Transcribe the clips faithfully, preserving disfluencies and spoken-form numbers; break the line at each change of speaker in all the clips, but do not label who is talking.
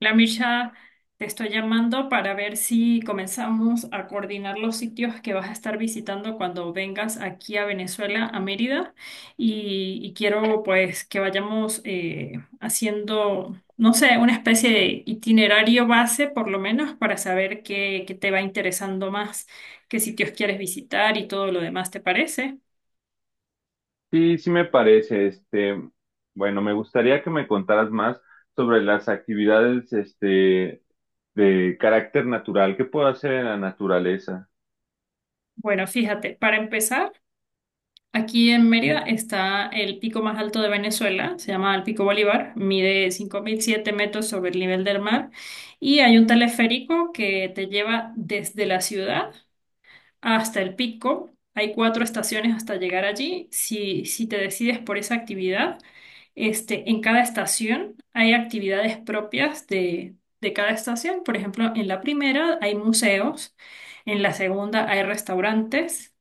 La Mircha, te estoy llamando para ver si comenzamos a coordinar los sitios que vas a estar visitando cuando vengas aquí a Venezuela, a Mérida, y, y quiero pues que vayamos eh, haciendo, no sé, una especie de itinerario base por lo menos para saber qué, qué te va interesando más, qué sitios quieres visitar y todo lo demás, ¿te parece?
Sí, sí me parece, este, bueno, me gustaría que me contaras más sobre las actividades, este, de carácter natural. ¿Qué puedo hacer en la naturaleza?
Bueno, fíjate, para empezar. Aquí en Mérida está el pico más alto de Venezuela, se llama el Pico Bolívar, mide cinco mil siete metros sobre el nivel del mar y hay un teleférico que te lleva desde la ciudad hasta el pico. Hay cuatro estaciones hasta llegar allí. Si, si te decides por esa actividad, este, en cada estación hay actividades propias de, de cada estación. Por ejemplo, en la primera hay museos, en la segunda hay restaurantes,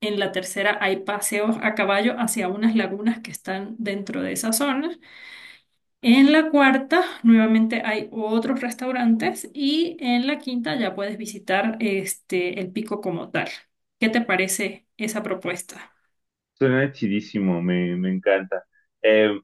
en la tercera hay paseos a caballo hacia unas lagunas que están dentro de esa zona. En la cuarta, nuevamente hay otros restaurantes y en la quinta ya puedes visitar este el pico como tal. ¿Qué te parece esa propuesta?
Suena chidísimo, me, me encanta. Em,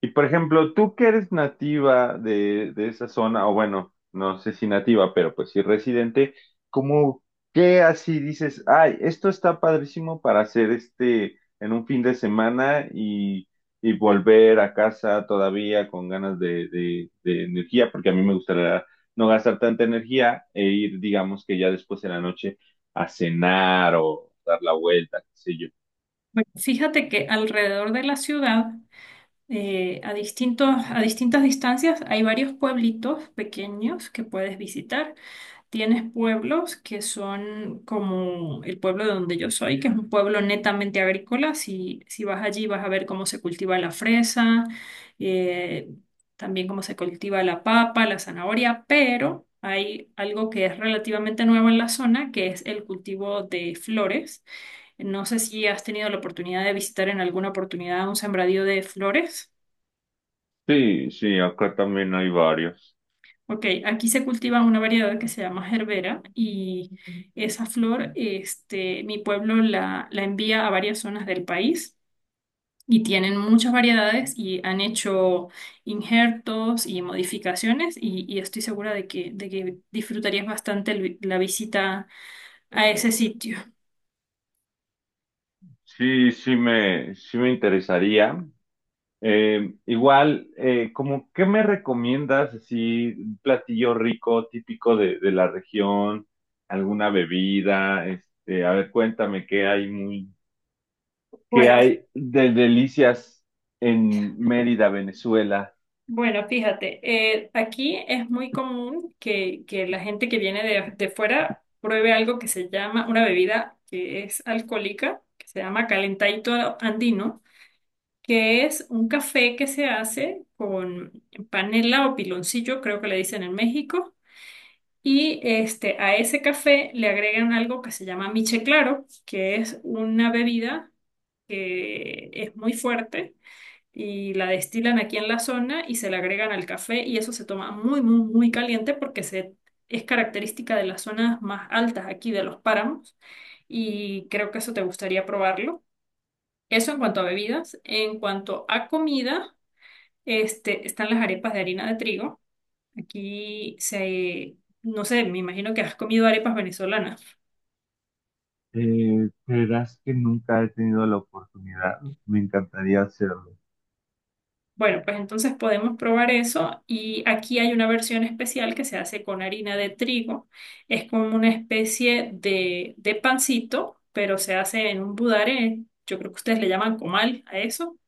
Y por ejemplo, tú que eres nativa de, de esa zona, o bueno, no sé si nativa, pero pues sí residente, ¿cómo qué así dices, ay, esto está padrísimo para hacer este en un fin de semana y, y volver a casa todavía con ganas de, de, de energía, porque a mí me gustaría no gastar tanta energía e ir, digamos que ya después de la noche a cenar o dar la vuelta, qué sé yo?
Bueno, fíjate que alrededor de la ciudad, eh, a distintos, a distintas distancias, hay varios pueblitos pequeños que puedes visitar. Tienes pueblos que son como el pueblo de donde yo soy, que es un pueblo netamente agrícola. Si, si vas allí vas a ver cómo se cultiva la fresa, eh, también cómo se cultiva la papa, la zanahoria, pero hay algo que es relativamente nuevo en la zona, que es el cultivo de flores. No sé si has tenido la oportunidad de visitar en alguna oportunidad un sembradío de flores.
Sí, sí, acá también hay varios.
Ok, aquí se cultiva una variedad que se llama gerbera y esa flor, este, mi pueblo la, la envía a varias zonas del país y tienen muchas variedades y han hecho injertos y modificaciones y, y estoy segura de que, de que disfrutarías bastante el vi- la visita a ese sitio.
Sí, sí me, sí me interesaría. Eh, igual, eh, como, ¿qué me recomiendas? Así, un platillo rico, típico de, de la región, alguna bebida, este, a ver, cuéntame qué hay muy, qué
Bueno,
hay de delicias en Mérida, Venezuela.
Bueno, fíjate, eh, aquí es muy común que, que la gente que viene de, de fuera pruebe algo que se llama, una bebida que es alcohólica, que se llama calentadito andino, que es un café que se hace con panela o piloncillo, creo que le dicen en México, y este, a ese café le agregan algo que se llama miche claro, que es una bebida que es muy fuerte y la destilan aquí en la zona y se la agregan al café y eso se toma muy, muy, muy caliente porque se, es característica de las zonas más altas aquí de los páramos y creo que eso te gustaría probarlo. Eso en cuanto a bebidas. En cuanto a comida, este, están las arepas de harina de trigo. Aquí se, no sé, me imagino que has comido arepas venezolanas.
Eh, creerás que nunca he tenido la oportunidad. Me encantaría hacerlo.
Bueno, pues entonces podemos probar eso y aquí hay una versión especial que se hace con harina de trigo. Es como una especie de, de pancito, pero se hace en un budare, yo creo que ustedes le llaman comal a eso,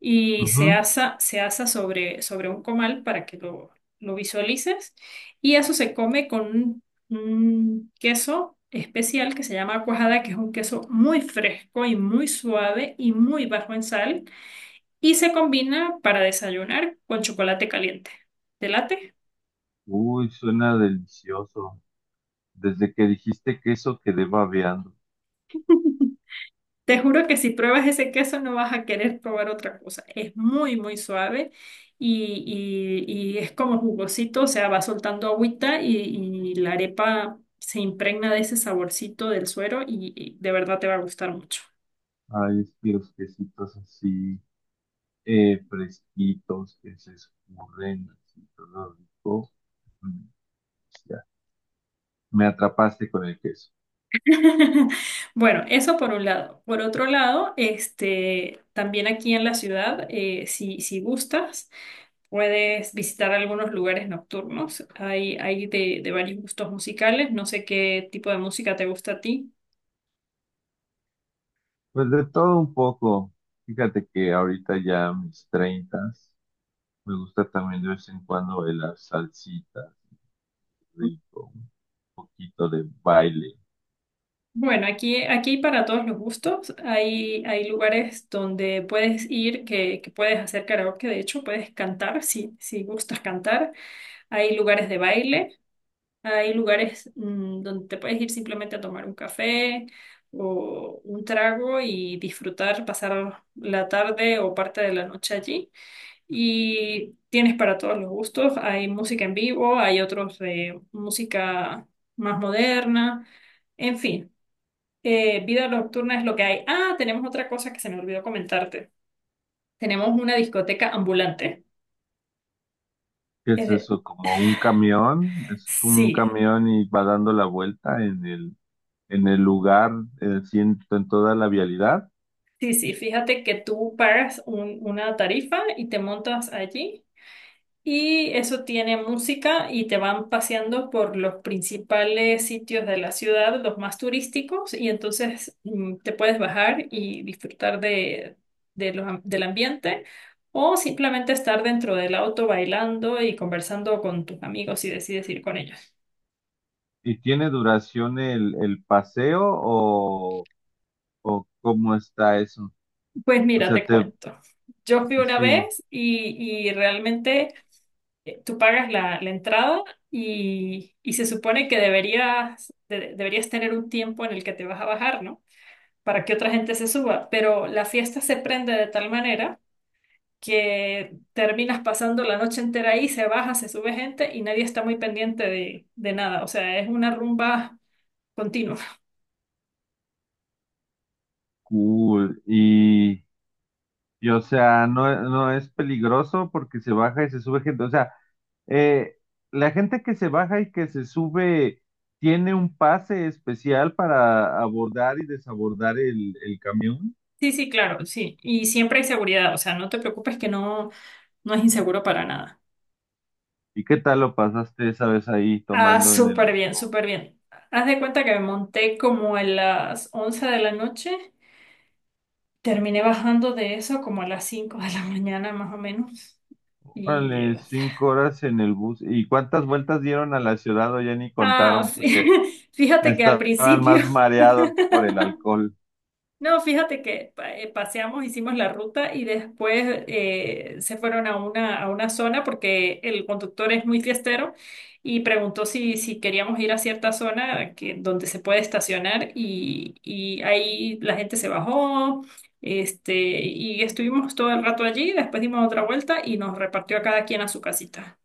y se
Ujú.
asa, se asa sobre, sobre un comal para que lo, lo visualices. Y eso se come con un, un queso especial que se llama cuajada, que es un queso muy fresco y muy suave y muy bajo en sal y se combina para desayunar con chocolate caliente. ¿Te late?
Uy, suena delicioso. Desde que dijiste queso quedé babeando.
Te juro que si pruebas ese queso no vas a querer probar otra cosa. Es muy, muy suave y, y- y es como jugosito, o sea, va soltando agüita y, y la arepa se impregna de ese saborcito del suero y, y de verdad te va a gustar mucho.
Ay, es que los quesitos así, eh, fresquitos, que se escurren, así todo rico. Mm, ya, me atrapaste con el queso.
Bueno, eso por un lado. Por otro lado, este, también aquí en la ciudad, eh, si, si gustas. Puedes visitar algunos lugares nocturnos. Hay, hay de, de varios gustos musicales. No sé qué tipo de música te gusta a ti.
Pues de todo un poco. Fíjate que ahorita ya a mis treintas, me gusta también de vez en cuando de las salsitas, rico, un poquito de baile.
Bueno, aquí, aquí hay para todos los gustos. Hay, hay lugares donde puedes ir, que, que puedes hacer karaoke. De hecho, puedes cantar si, si gustas cantar. Hay lugares de baile. Hay lugares mm, donde te puedes ir simplemente a tomar un café o un trago y disfrutar, pasar la tarde o parte de la noche allí. Y tienes para todos los gustos, hay música en vivo, hay otros de música más moderna, en fin, eh, vida nocturna es lo que hay. Ah, tenemos otra cosa que se me olvidó comentarte. Tenemos una discoteca ambulante.
¿Qué
Es
es
de-
eso? Como un camión, es como un
Sí,
camión y va dando la vuelta en el, en el lugar, eh, así en en toda la vialidad.
sí, sí, fíjate que tú pagas un- una tarifa y te montas allí. Y eso tiene música y te van paseando por los principales sitios de la ciudad, los más turísticos, y entonces mm, te puedes bajar y disfrutar de, de los am- del ambiente o simplemente estar dentro del auto bailando y conversando con tus amigos si decides ir con ellos.
¿Y tiene duración el, el paseo o, o cómo está eso?
Pues
O
mira,
sea,
te
te,
cuento. Yo fui una
sí,
vez y, y realmente eh, tú pagas la, la entrada y, y se supone que deberías, de- deberías tener un tiempo en el que te vas a bajar, ¿no? Para que otra gente se suba, pero la fiesta se prende de tal manera que terminas pasando la noche entera ahí, se baja, se sube gente y nadie está muy pendiente de, de nada, o sea, es una rumba continua.
cool. Y, y, o sea, no, no es peligroso porque se baja y se sube gente. O sea, eh, la gente que se baja y que se sube tiene un pase especial para abordar y desabordar el, el camión.
Sí, sí, claro, sí, y siempre hay seguridad, o sea, no te preocupes que no, no es inseguro para nada.
¿Y qué tal lo pasaste esa vez ahí
Ah,
tomando en
súper
el?
bien, súper bien. Haz de cuenta que me monté como a las once de la noche, terminé bajando de eso como a las cinco de la mañana más o menos. Y
Vale,
eh,
cinco horas en el bus. ¿Y cuántas vueltas dieron a la ciudad? O ya ni
ah,
contaron
fí-
porque
fíjate que al
estaban
principio,
más mareados por el alcohol.
no, fíjate que pa- eh, paseamos, hicimos la ruta y después eh, se fueron a una, a una zona porque el conductor es muy fiestero y preguntó si, si queríamos ir a cierta zona que, donde se puede estacionar y, y ahí la gente se bajó este, y estuvimos todo el rato allí, después dimos otra vuelta y nos repartió a cada quien a su casita.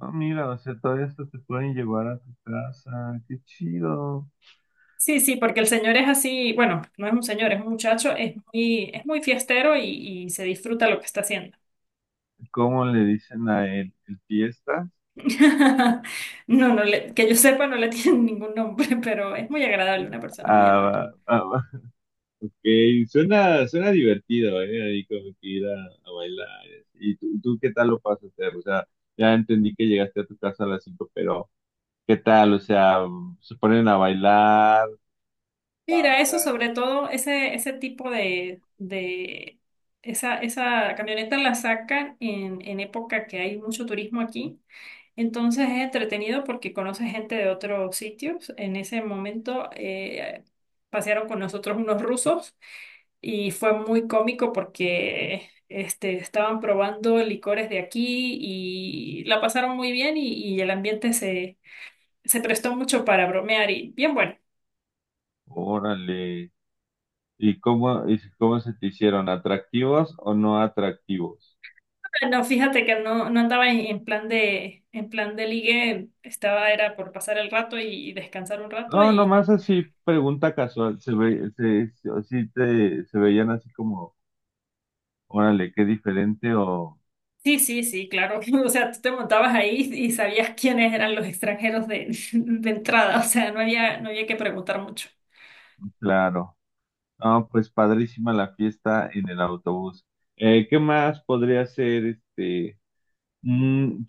Ah, mira, o sea, todo esto te pueden llevar a tu casa. Qué chido.
Sí, sí, porque el señor es así, bueno, no es un señor, es un muchacho, es muy, es muy fiestero y, y se disfruta lo que está haciendo.
¿Cómo le dicen a él? ¿El fiesta?
No, no le- que yo sepa, no le tiene ningún nombre, pero es muy agradable, una persona muy amable.
Ah, ah, ah, ok, suena, suena divertido, ¿eh? Ahí como que ir a, a bailar. ¿Y tú, tú qué tal lo pasaste? O sea, ya entendí que llegaste a tu casa a las cinco, pero ¿qué tal? O sea, se ponen a bailar,
Mira, eso
cantan.
sobre todo, ese, ese tipo de, de esa, esa camioneta la sacan en, en época que hay mucho turismo aquí. Entonces es entretenido porque conoces gente de otros sitios. En ese momento eh, pasearon con nosotros unos rusos. Y fue muy cómico porque este, estaban probando licores de aquí y la pasaron muy bien y, y el ambiente se, se prestó mucho para bromear y bien bueno.
Órale. ¿Y cómo, y cómo se te hicieron? ¿Atractivos o no atractivos?
No, fíjate que no, no andaba en, en plan de, en plan de ligue, estaba, era por pasar el rato y, y descansar un rato
No,
y
nomás así, pregunta casual. ¿Se ve, se, se- o sí te, Se veían así como, órale, qué diferente o
sí, sí, sí, claro. O sea, tú te montabas ahí y sabías quiénes eran los extranjeros de, de entrada, o sea, no había, no había que preguntar mucho.
claro? No, pues padrísima la fiesta en el autobús. Eh, ¿qué más podría ser este? Mm,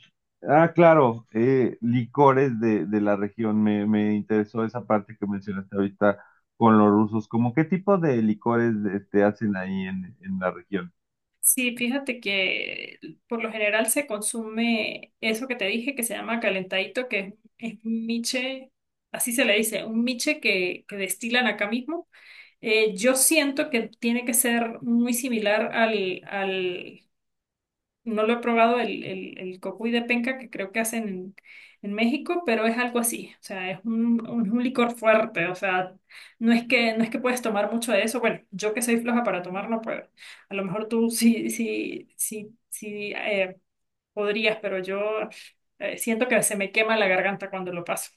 ah, claro, eh, licores de, de la región. Me, me interesó esa parte que mencionaste ahorita con los rusos. ¿Cómo qué tipo de licores este, hacen ahí en, en la región?
Sí, fíjate que por lo general se consume eso que te dije que se llama calentadito, que es, es un miche, así se le dice, un miche que, que destilan acá mismo. Eh, yo siento que tiene que ser muy similar al, al no lo he probado el, el, el cocuy de penca que creo que hacen en, en México, pero es algo así. O sea, es un, un, un licor fuerte. O sea, no es que, no es que puedes tomar mucho de eso. Bueno, yo que soy floja para tomar no puedo. A lo mejor tú sí, sí, sí, sí eh, podrías, pero yo eh, siento que se me quema la garganta cuando lo paso.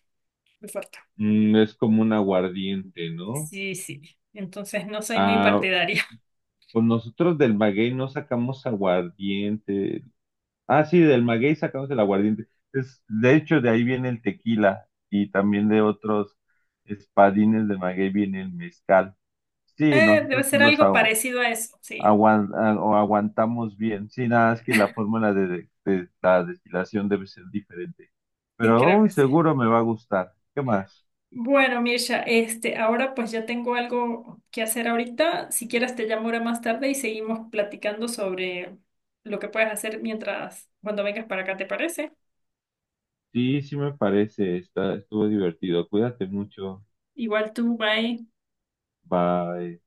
Muy fuerte.
Mm, es como un aguardiente, ¿no?
Sí, sí. Entonces no soy muy
Ah,
partidaria.
pues nosotros del maguey no sacamos aguardiente. Ah, sí, del maguey sacamos el aguardiente. Es, de hecho, de ahí viene el tequila y también de otros espadines de maguey viene el mezcal. Sí,
Eh, debe
nosotros sí
ser
los
algo parecido a eso. Sí,
aguan- a- o aguantamos bien. Sí, nada, es que la fórmula de, de- de la destilación debe ser diferente.
sí,
Pero
creo
aún
que sí.
seguro me va a gustar. ¿Qué más?
Bueno, Mirsha, este, ahora pues ya tengo algo que hacer ahorita. Si quieres te llamo ahora más tarde y seguimos platicando sobre lo que puedes hacer mientras, cuando vengas para acá, ¿te parece?
Sí, sí me parece. Está, estuvo divertido. Cuídate mucho.
Igual tú, bye.
Bye.